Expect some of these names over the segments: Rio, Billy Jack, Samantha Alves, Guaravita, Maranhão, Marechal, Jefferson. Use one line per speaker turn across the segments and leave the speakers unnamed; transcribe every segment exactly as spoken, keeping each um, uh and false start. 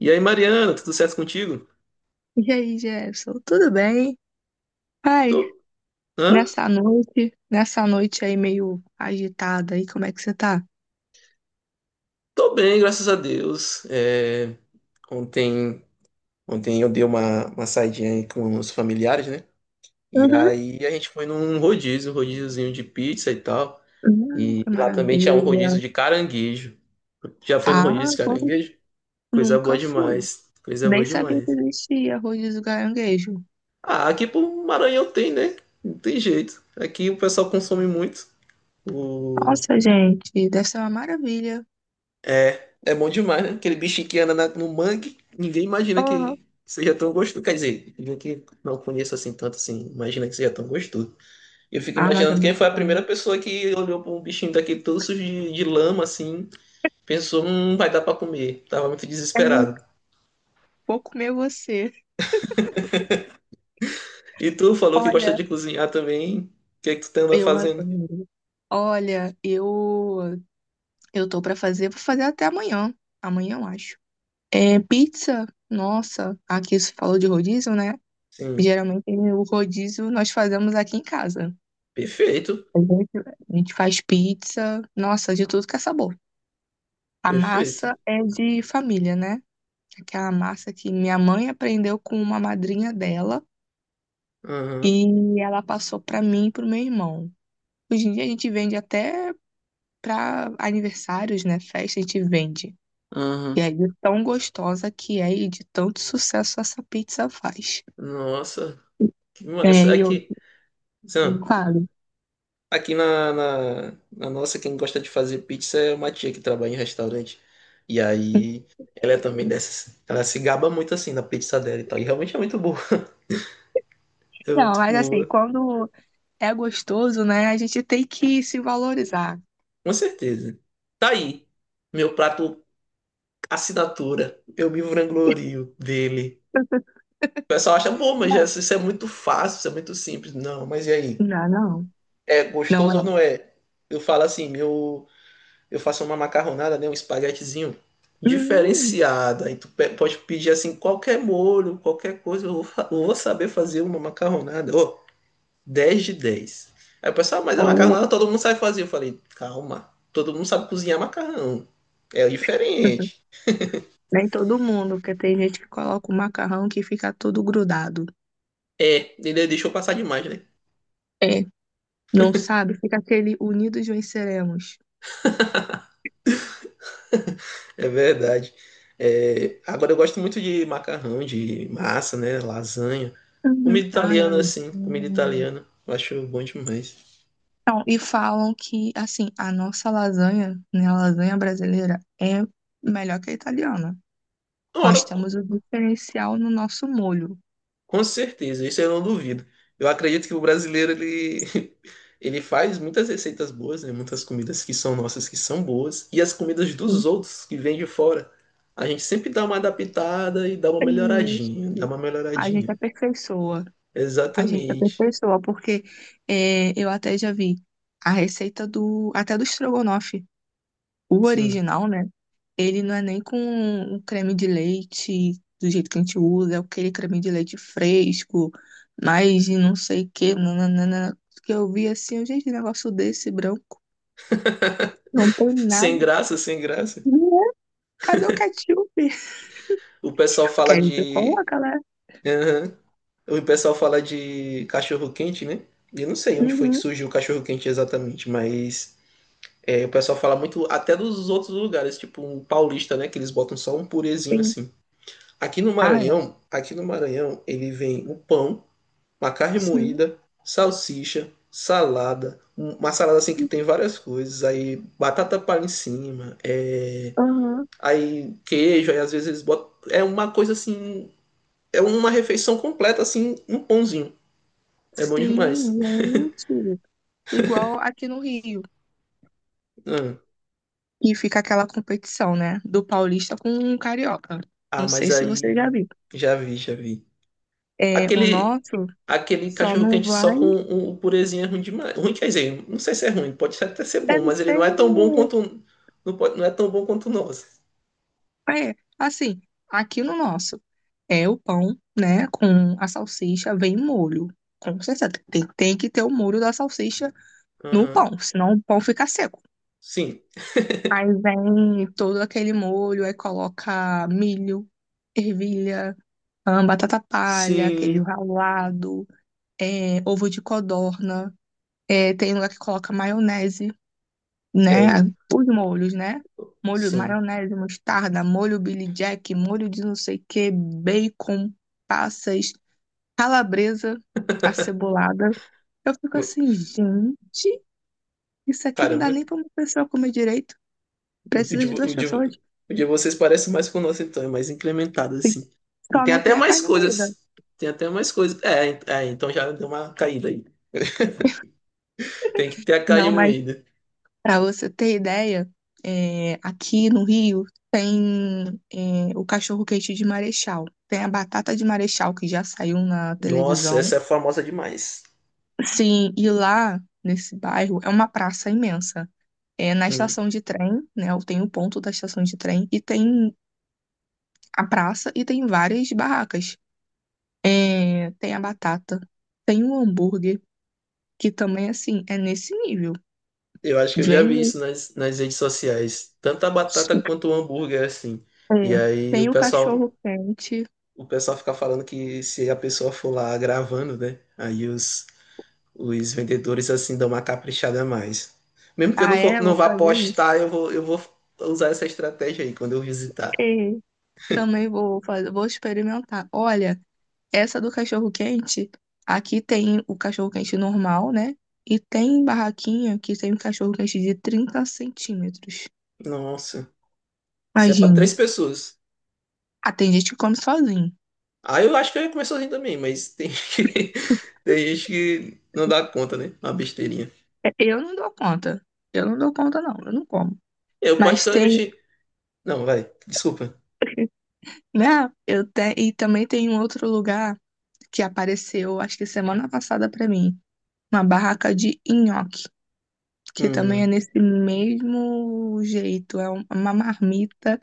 E aí, Mariana, tudo certo contigo?
E aí, Jefferson, tudo bem? Pai,
Tô, hã?
nessa noite, nessa noite aí meio agitada aí, como é que você tá?
Tô bem, graças a Deus. É, ontem, ontem eu dei uma, uma saidinha aí com os familiares, né? E
Uhum.
aí a gente foi num rodízio, um rodíziozinho de pizza e tal.
Hum,
E
que
lá também tinha um
maravilha.
rodízio de caranguejo. Já foi no
Ah,
rodízio de
agora
caranguejo? Coisa
nunca
boa
fui.
demais. Coisa
Nem
boa
sabia que
demais.
existia rodízio do caranguejo.
Ah, aqui pro Maranhão tem, né? Não tem jeito. Aqui o pessoal consome muito. O...
Nossa, gente, deve ser uma maravilha.
É, é bom demais, né? Aquele bichinho que anda na- no mangue, ninguém imagina
Uhum.
que seja tão gostoso. Quer dizer, eu que não conheço assim tanto assim, imagina que seja tão gostoso. Eu fico
Ah, mas é
imaginando quem
muito
foi a primeira
bom.
pessoa que olhou para um bichinho daquele todo sujo de, de lama, assim, pensou, hum, vai dar para comer. Tava muito
É,
desesperado.
vou comer você.
E tu falou que gosta
Olha,
de cozinhar também. O que é que tu tá andando
eu
fazendo?
adoro. Olha, eu eu tô pra fazer, vou fazer até amanhã. Amanhã, eu acho. É, pizza, nossa, aqui se fala de rodízio, né?
Sim,
Geralmente o rodízio nós fazemos aqui em casa.
perfeito,
A gente, a gente faz pizza, nossa, de tudo que é sabor. A
perfeito.
massa é de família, né? Aquela massa que minha mãe aprendeu com uma madrinha dela
Aham,
e ela passou para mim e pro meu irmão. Hoje em dia a gente vende até para aniversários, né? Festa, a gente vende. E
aham.
aí, de tão gostosa que é e de tanto sucesso essa pizza faz.
Nossa, que
É,
massa.
e
Aqui,
não
Sam.
fale.
Aqui na, na, na nossa, quem gosta de fazer pizza é uma tia que trabalha em restaurante. E aí, ela é também dessas. Ela se gaba muito assim na pizza dela e tal. E realmente é muito boa. É
Não,
muito
mas assim,
boa.
quando é gostoso, né, a gente tem que se valorizar.
Com certeza. Tá aí. Meu prato assinatura. Eu me vanglorio dele. O pessoal acha, bom, mas
Não,
Jesus, isso é muito fácil, isso é muito simples. Não, mas e aí?
não, não.
É
Não é.
gostoso ou não é? Eu falo assim, meu. Eu faço uma macarronada, né, um espaguetezinho
Hum,
diferenciada. E tu pe- pode pedir assim qualquer molho, qualquer coisa, eu vou, fa- eu vou saber fazer uma macarronada. Ô, dez de dez. Aí o pessoal, "Ah, mas a
ó,
macarronada todo mundo sabe fazer. Eu falei, calma, todo mundo sabe cozinhar macarrão. É diferente.
nem todo mundo, porque tem gente que coloca o macarrão que fica todo grudado.
É, ele deixou passar demais, né?
É, não sabe? Fica aquele unidos venceremos.
É verdade. É, agora eu gosto muito de macarrão, de massa, né? Lasanha.
Uhum.
Comida
Ai,
italiana, assim, comida
lasanha.
italiana. Eu acho bom demais.
Não, e falam que, assim, a nossa lasanha, né, a lasanha brasileira é melhor que a italiana.
Ora,
Nós temos o diferencial no nosso molho.
com certeza, isso eu não duvido. Eu acredito que o brasileiro ele, ele faz muitas receitas boas, né? Muitas comidas que são nossas que são boas e as comidas dos outros que vêm de fora. A gente sempre dá uma adaptada e dá uma
Isso.
melhoradinha, dá uma
A gente
melhoradinha.
aperfeiçoa, a gente
Exatamente.
aperfeiçoa, porque é, eu até já vi a receita do, até do estrogonofe, o
Sim.
original, né? Ele não é nem com o creme de leite do jeito que a gente usa, é aquele creme de leite fresco, mas de não sei o que, nananana, que eu vi assim, eu, gente, um negócio desse branco, não tem
Sem
nada.
graça, sem graça.
Né? Cadê o ketchup?
O pessoal
Porque
fala
a gente
de.
coloca, né?
Aham. O pessoal fala de cachorro-quente, né? Eu não sei onde foi que
Uhum,
surgiu o cachorro-quente exatamente, mas é, o pessoal fala muito até dos outros lugares, tipo um paulista, né? Que eles botam só um purezinho
sim.
assim. Aqui no
Ah, é?
Maranhão, aqui no Maranhão, ele vem o pão, uma carne
Sim.
moída, salsicha, salada, um- uma salada assim que tem várias coisas, aí batata palha em cima, é,
Aham.
aí queijo, aí às vezes eles botam. É uma coisa assim, é uma refeição completa, assim, um pãozinho. É bom
Sim,
demais.
gente. Igual aqui no Rio,
Hum.
que fica aquela competição, né? Do paulista com o carioca.
Ah,
Não
mas
sei se você já
aí
viu.
já vi, já vi.
É, o
Aquele,
nosso
aquele
só
cachorro
não
quente só
vai.
com o purezinho é ruim demais. Ruim quer dizer, não sei se é ruim, pode até ser bom,
Deve
mas ele
ser,
não é
né?
tão bom quanto um- não, pode- não é tão bom quanto nós.
É, assim, aqui no nosso é o pão, né? Com a salsicha, vem molho. Com certeza. Tem, tem que ter o molho da salsicha no
Aham.
pão, senão o pão fica seco.
Sim.
Aí vem todo aquele molho, aí coloca milho, ervilha, ahn, batata palha, queijo
Sim.
ralado, é, ovo de codorna. É, tem lugar que coloca maionese,
É,
né?
o-
Os molhos, né? Molho,
sim.
maionese, mostarda, molho Billy Jack, molho de não sei o que, bacon, passas, calabresa acebolada. Eu fico
O...
assim, gente, isso aqui não dá
Caramba,
nem pra uma pessoa comer direito.
o
Precisa
de,
de
vo-
duas
o de, vo-
pessoas,
o de vocês parece mais com o nosso, então, é mais incrementado, assim. E
só
tem
não
até
tem a
mais
carne moída.
coisas. Tem até mais coisas. É, en- é, então já deu uma caída aí. Tem que ter a carne
Não, mas
moída.
para você ter ideia, é, aqui no Rio tem é, o cachorro-quente de Marechal, tem a batata de Marechal que já saiu na
Nossa,
televisão.
essa é famosa demais.
Sim, e lá nesse bairro é uma praça imensa. É na
Hum.
estação de trem, né? Tem o ponto da estação de trem e tem a praça e tem várias barracas. É, tem a batata, tem o hambúrguer, que também assim é nesse nível.
Eu acho que eu já
Vem
vi
no-
isso nas, nas redes sociais. Tanto a batata quanto o hambúrguer, assim. E
é,
aí o
tem o
pessoal,
cachorro quente.
o pessoal fica falando que se a pessoa for lá gravando, né? Aí os, os vendedores, assim, dão uma caprichada a mais. Mesmo que eu
Ah,
não, for,
é?
não
Vou
vá
fazer isso.
postar, eu vou, eu vou usar essa estratégia aí quando eu visitar.
E também vou fazer, vou experimentar. Olha, essa do cachorro quente, aqui tem o cachorro quente normal, né? E tem barraquinha que tem um cachorro quente de trinta centímetros.
Nossa, isso é pra três
Imagine.
pessoas.
Ah, tem gente que come sozinho.
Aí eu acho que eu ia comer sozinho também, mas tem gente que, tem gente que não dá conta, né? Uma besteirinha.
É, eu não dou conta. Eu não dou conta, não. Eu não como.
Eu
Mas tem,
particularmente... Não, vai, desculpa.
né? Eu te... E também tem um outro lugar que apareceu, acho que semana passada pra mim, uma barraca de nhoque, que também é
Hum,
nesse mesmo jeito, é um- uma marmita,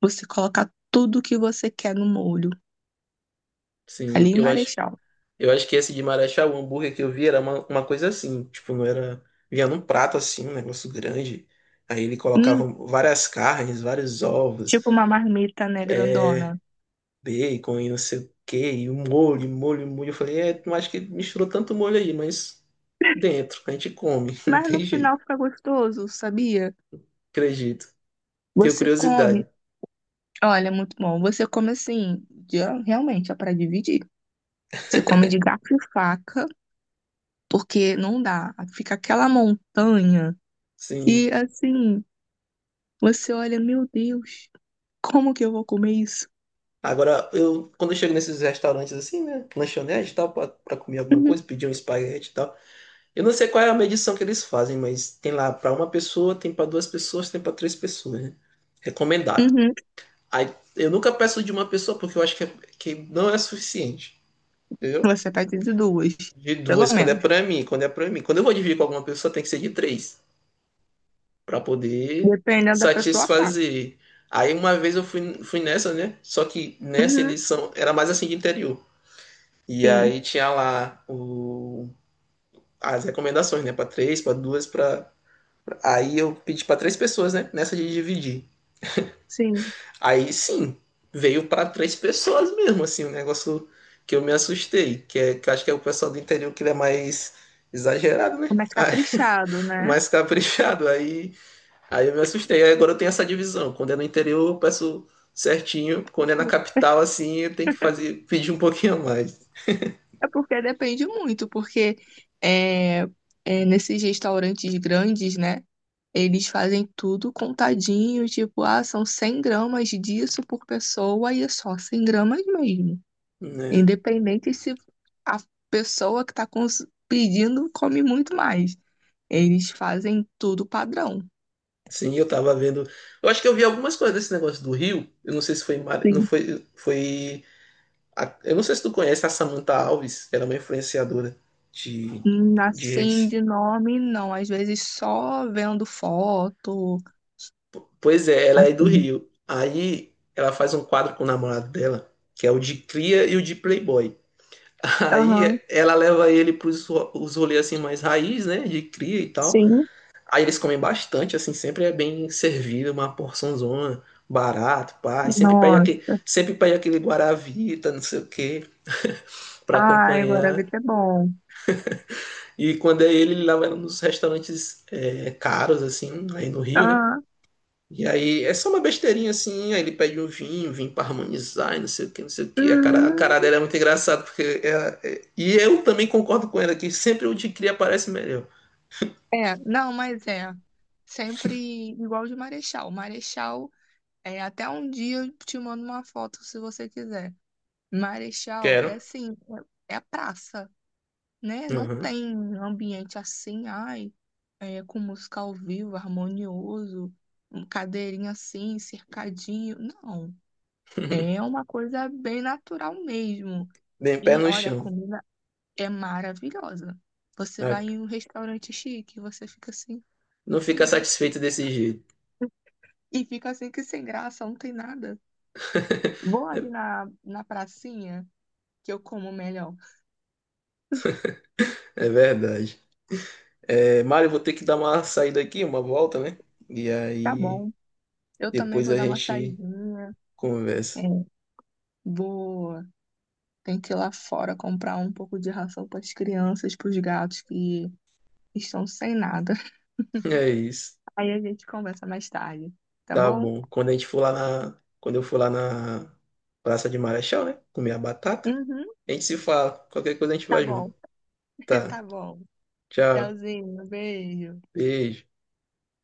você coloca tudo que você quer no molho,
sim,
ali em
eu acho,
Marechal.
eu acho que esse de Marechal, o hambúrguer que eu vi era uma, uma coisa assim, tipo, não era, vinha num prato assim, um negócio grande, aí ele colocava
Hum,
várias carnes, vários ovos,
tipo uma marmita, né,
é,
grandona.
bacon e não sei o quê, e o molho, um molho, um molho, eu falei, é, não acho que misturou tanto molho aí, mas dentro, a gente come, não
Mas no
tem
final
jeito,
fica gostoso, sabia?
acredito, tenho
Você come,
curiosidade,
olha, é muito bom. Você come assim, de- realmente é para dividir. Você come de garfo e faca, porque não dá. Fica aquela montanha
sim.
e assim, você olha, meu Deus, como que eu vou comer isso?
Agora, eu, quando eu chego nesses restaurantes assim, né, lanchonete e tal, pra, pra comer alguma
Uhum,
coisa, pedir um espaguete e tal, eu não sei qual é a medição que eles fazem, mas tem lá para uma pessoa, tem para duas pessoas, tem para três pessoas, né? Recomendado.
uhum.
Aí, eu nunca peço de uma pessoa porque eu acho que, é- que não é suficiente, entendeu?
Você vai ter de duas,
De
pelo
duas, quando é
menos.
para mim, quando é para mim. Quando eu vou dividir com alguma pessoa, tem que ser de três, para poder
Dependendo da pessoa, quatro.
satisfazer. Aí uma vez eu fui, fui nessa, né? Só que nessa
Uhum,
eles são, era mais assim de interior. E
sim,
aí tinha lá o, as recomendações, né? Para três, para duas, para Aí eu pedi pra três pessoas, né? Nessa de dividir.
sim.
Aí sim, veio pra três pessoas mesmo, assim, um negócio que eu me assustei, que, é, que eu acho que é o pessoal do interior que ele é mais exagerado,
É
né?
mais
Ai,
caprichado, né?
mais caprichado. Aí, aí eu me assustei. Aí agora eu tenho essa divisão. Quando é no interior, eu peço certinho. Quando é na capital, assim, eu tenho que fazer, pedir um pouquinho a mais,
É porque depende muito, porque é, é, nesses restaurantes grandes, né? Eles fazem tudo contadinho, tipo, ah, são cem gramas disso por pessoa e é só cem gramas mesmo.
né?
Independente se a pessoa que está pedindo come muito mais. Eles fazem tudo padrão.
Sim, eu tava vendo. Eu acho que eu vi algumas coisas desse negócio do Rio. Eu não sei se foi em Mar... não
Sim.
foi foi a- eu não sei se tu conhece a Samantha Alves, ela é uma influenciadora de,
Hum,
de
assim,
redes.
de nome, não. Às vezes só vendo foto,
Pois é, ela é do
assim.
Rio. Aí ela faz um quadro com o namorado dela, que é o de cria e o de playboy. Aí
Aham,
ela leva ele para os rolês assim mais raiz, né, de cria e tal.
sim.
Aí eles comem bastante, assim, sempre é bem servido, uma porçãozona, barato, pá. E sempre pede aquele,
Nossa.
sempre pede aquele guaravita, não sei o quê, para
Ai,
acompanhar.
Guaravita é bom.
E quando é ele, ele leva ela nos restaurantes é, caros, assim, aí no Rio, né?
Ah,
E aí é só uma besteirinha assim, aí ele pede um vinho, vinho pra harmonizar, e não sei o que, não sei o que. A cara, a cara
hum.
dela é muito engraçada, porque ela- é- e eu também concordo com ela que sempre o de cria parece melhor.
É, não, mas é. Sempre igual de Marechal. Marechal, é, até um dia eu te mando uma foto se você quiser. Marechal é
Quero.
assim, é é praça, né? Não
Uhum.
tem um ambiente assim, ai, é, com música ao vivo, harmonioso, um cadeirinha assim, cercadinho. Não, é uma coisa bem natural mesmo.
Bem pé
E
no
olha, a
chão.
comida é maravilhosa. Você
Ah,
vai em um restaurante chique, você fica assim,
não
que sem
fica
graça.
satisfeito desse jeito.
E fica assim, que sem graça, não tem nada. Vou
É
ali na, na pracinha, que eu como melhor.
é verdade. É, Mário, vou ter que dar uma saída aqui, uma volta, né? E
Tá
aí
bom. Eu também
depois
vou
a
dar uma
gente
saidinha. É,
conversa.
vou tem que ir lá fora comprar um pouco de ração para as crianças, para os gatos que estão sem nada.
É isso.
Aí a gente conversa mais tarde, tá
Tá
bom?
bom. Quando a gente for lá na. Quando eu for lá na Praça de Marechal, né? Comer a batata,
Uhum,
a gente se fala. Qualquer coisa a gente
tá
vai junto.
bom.
Tá.
Tá bom.
Tchau.
Tchauzinho, beijo.
Beijo.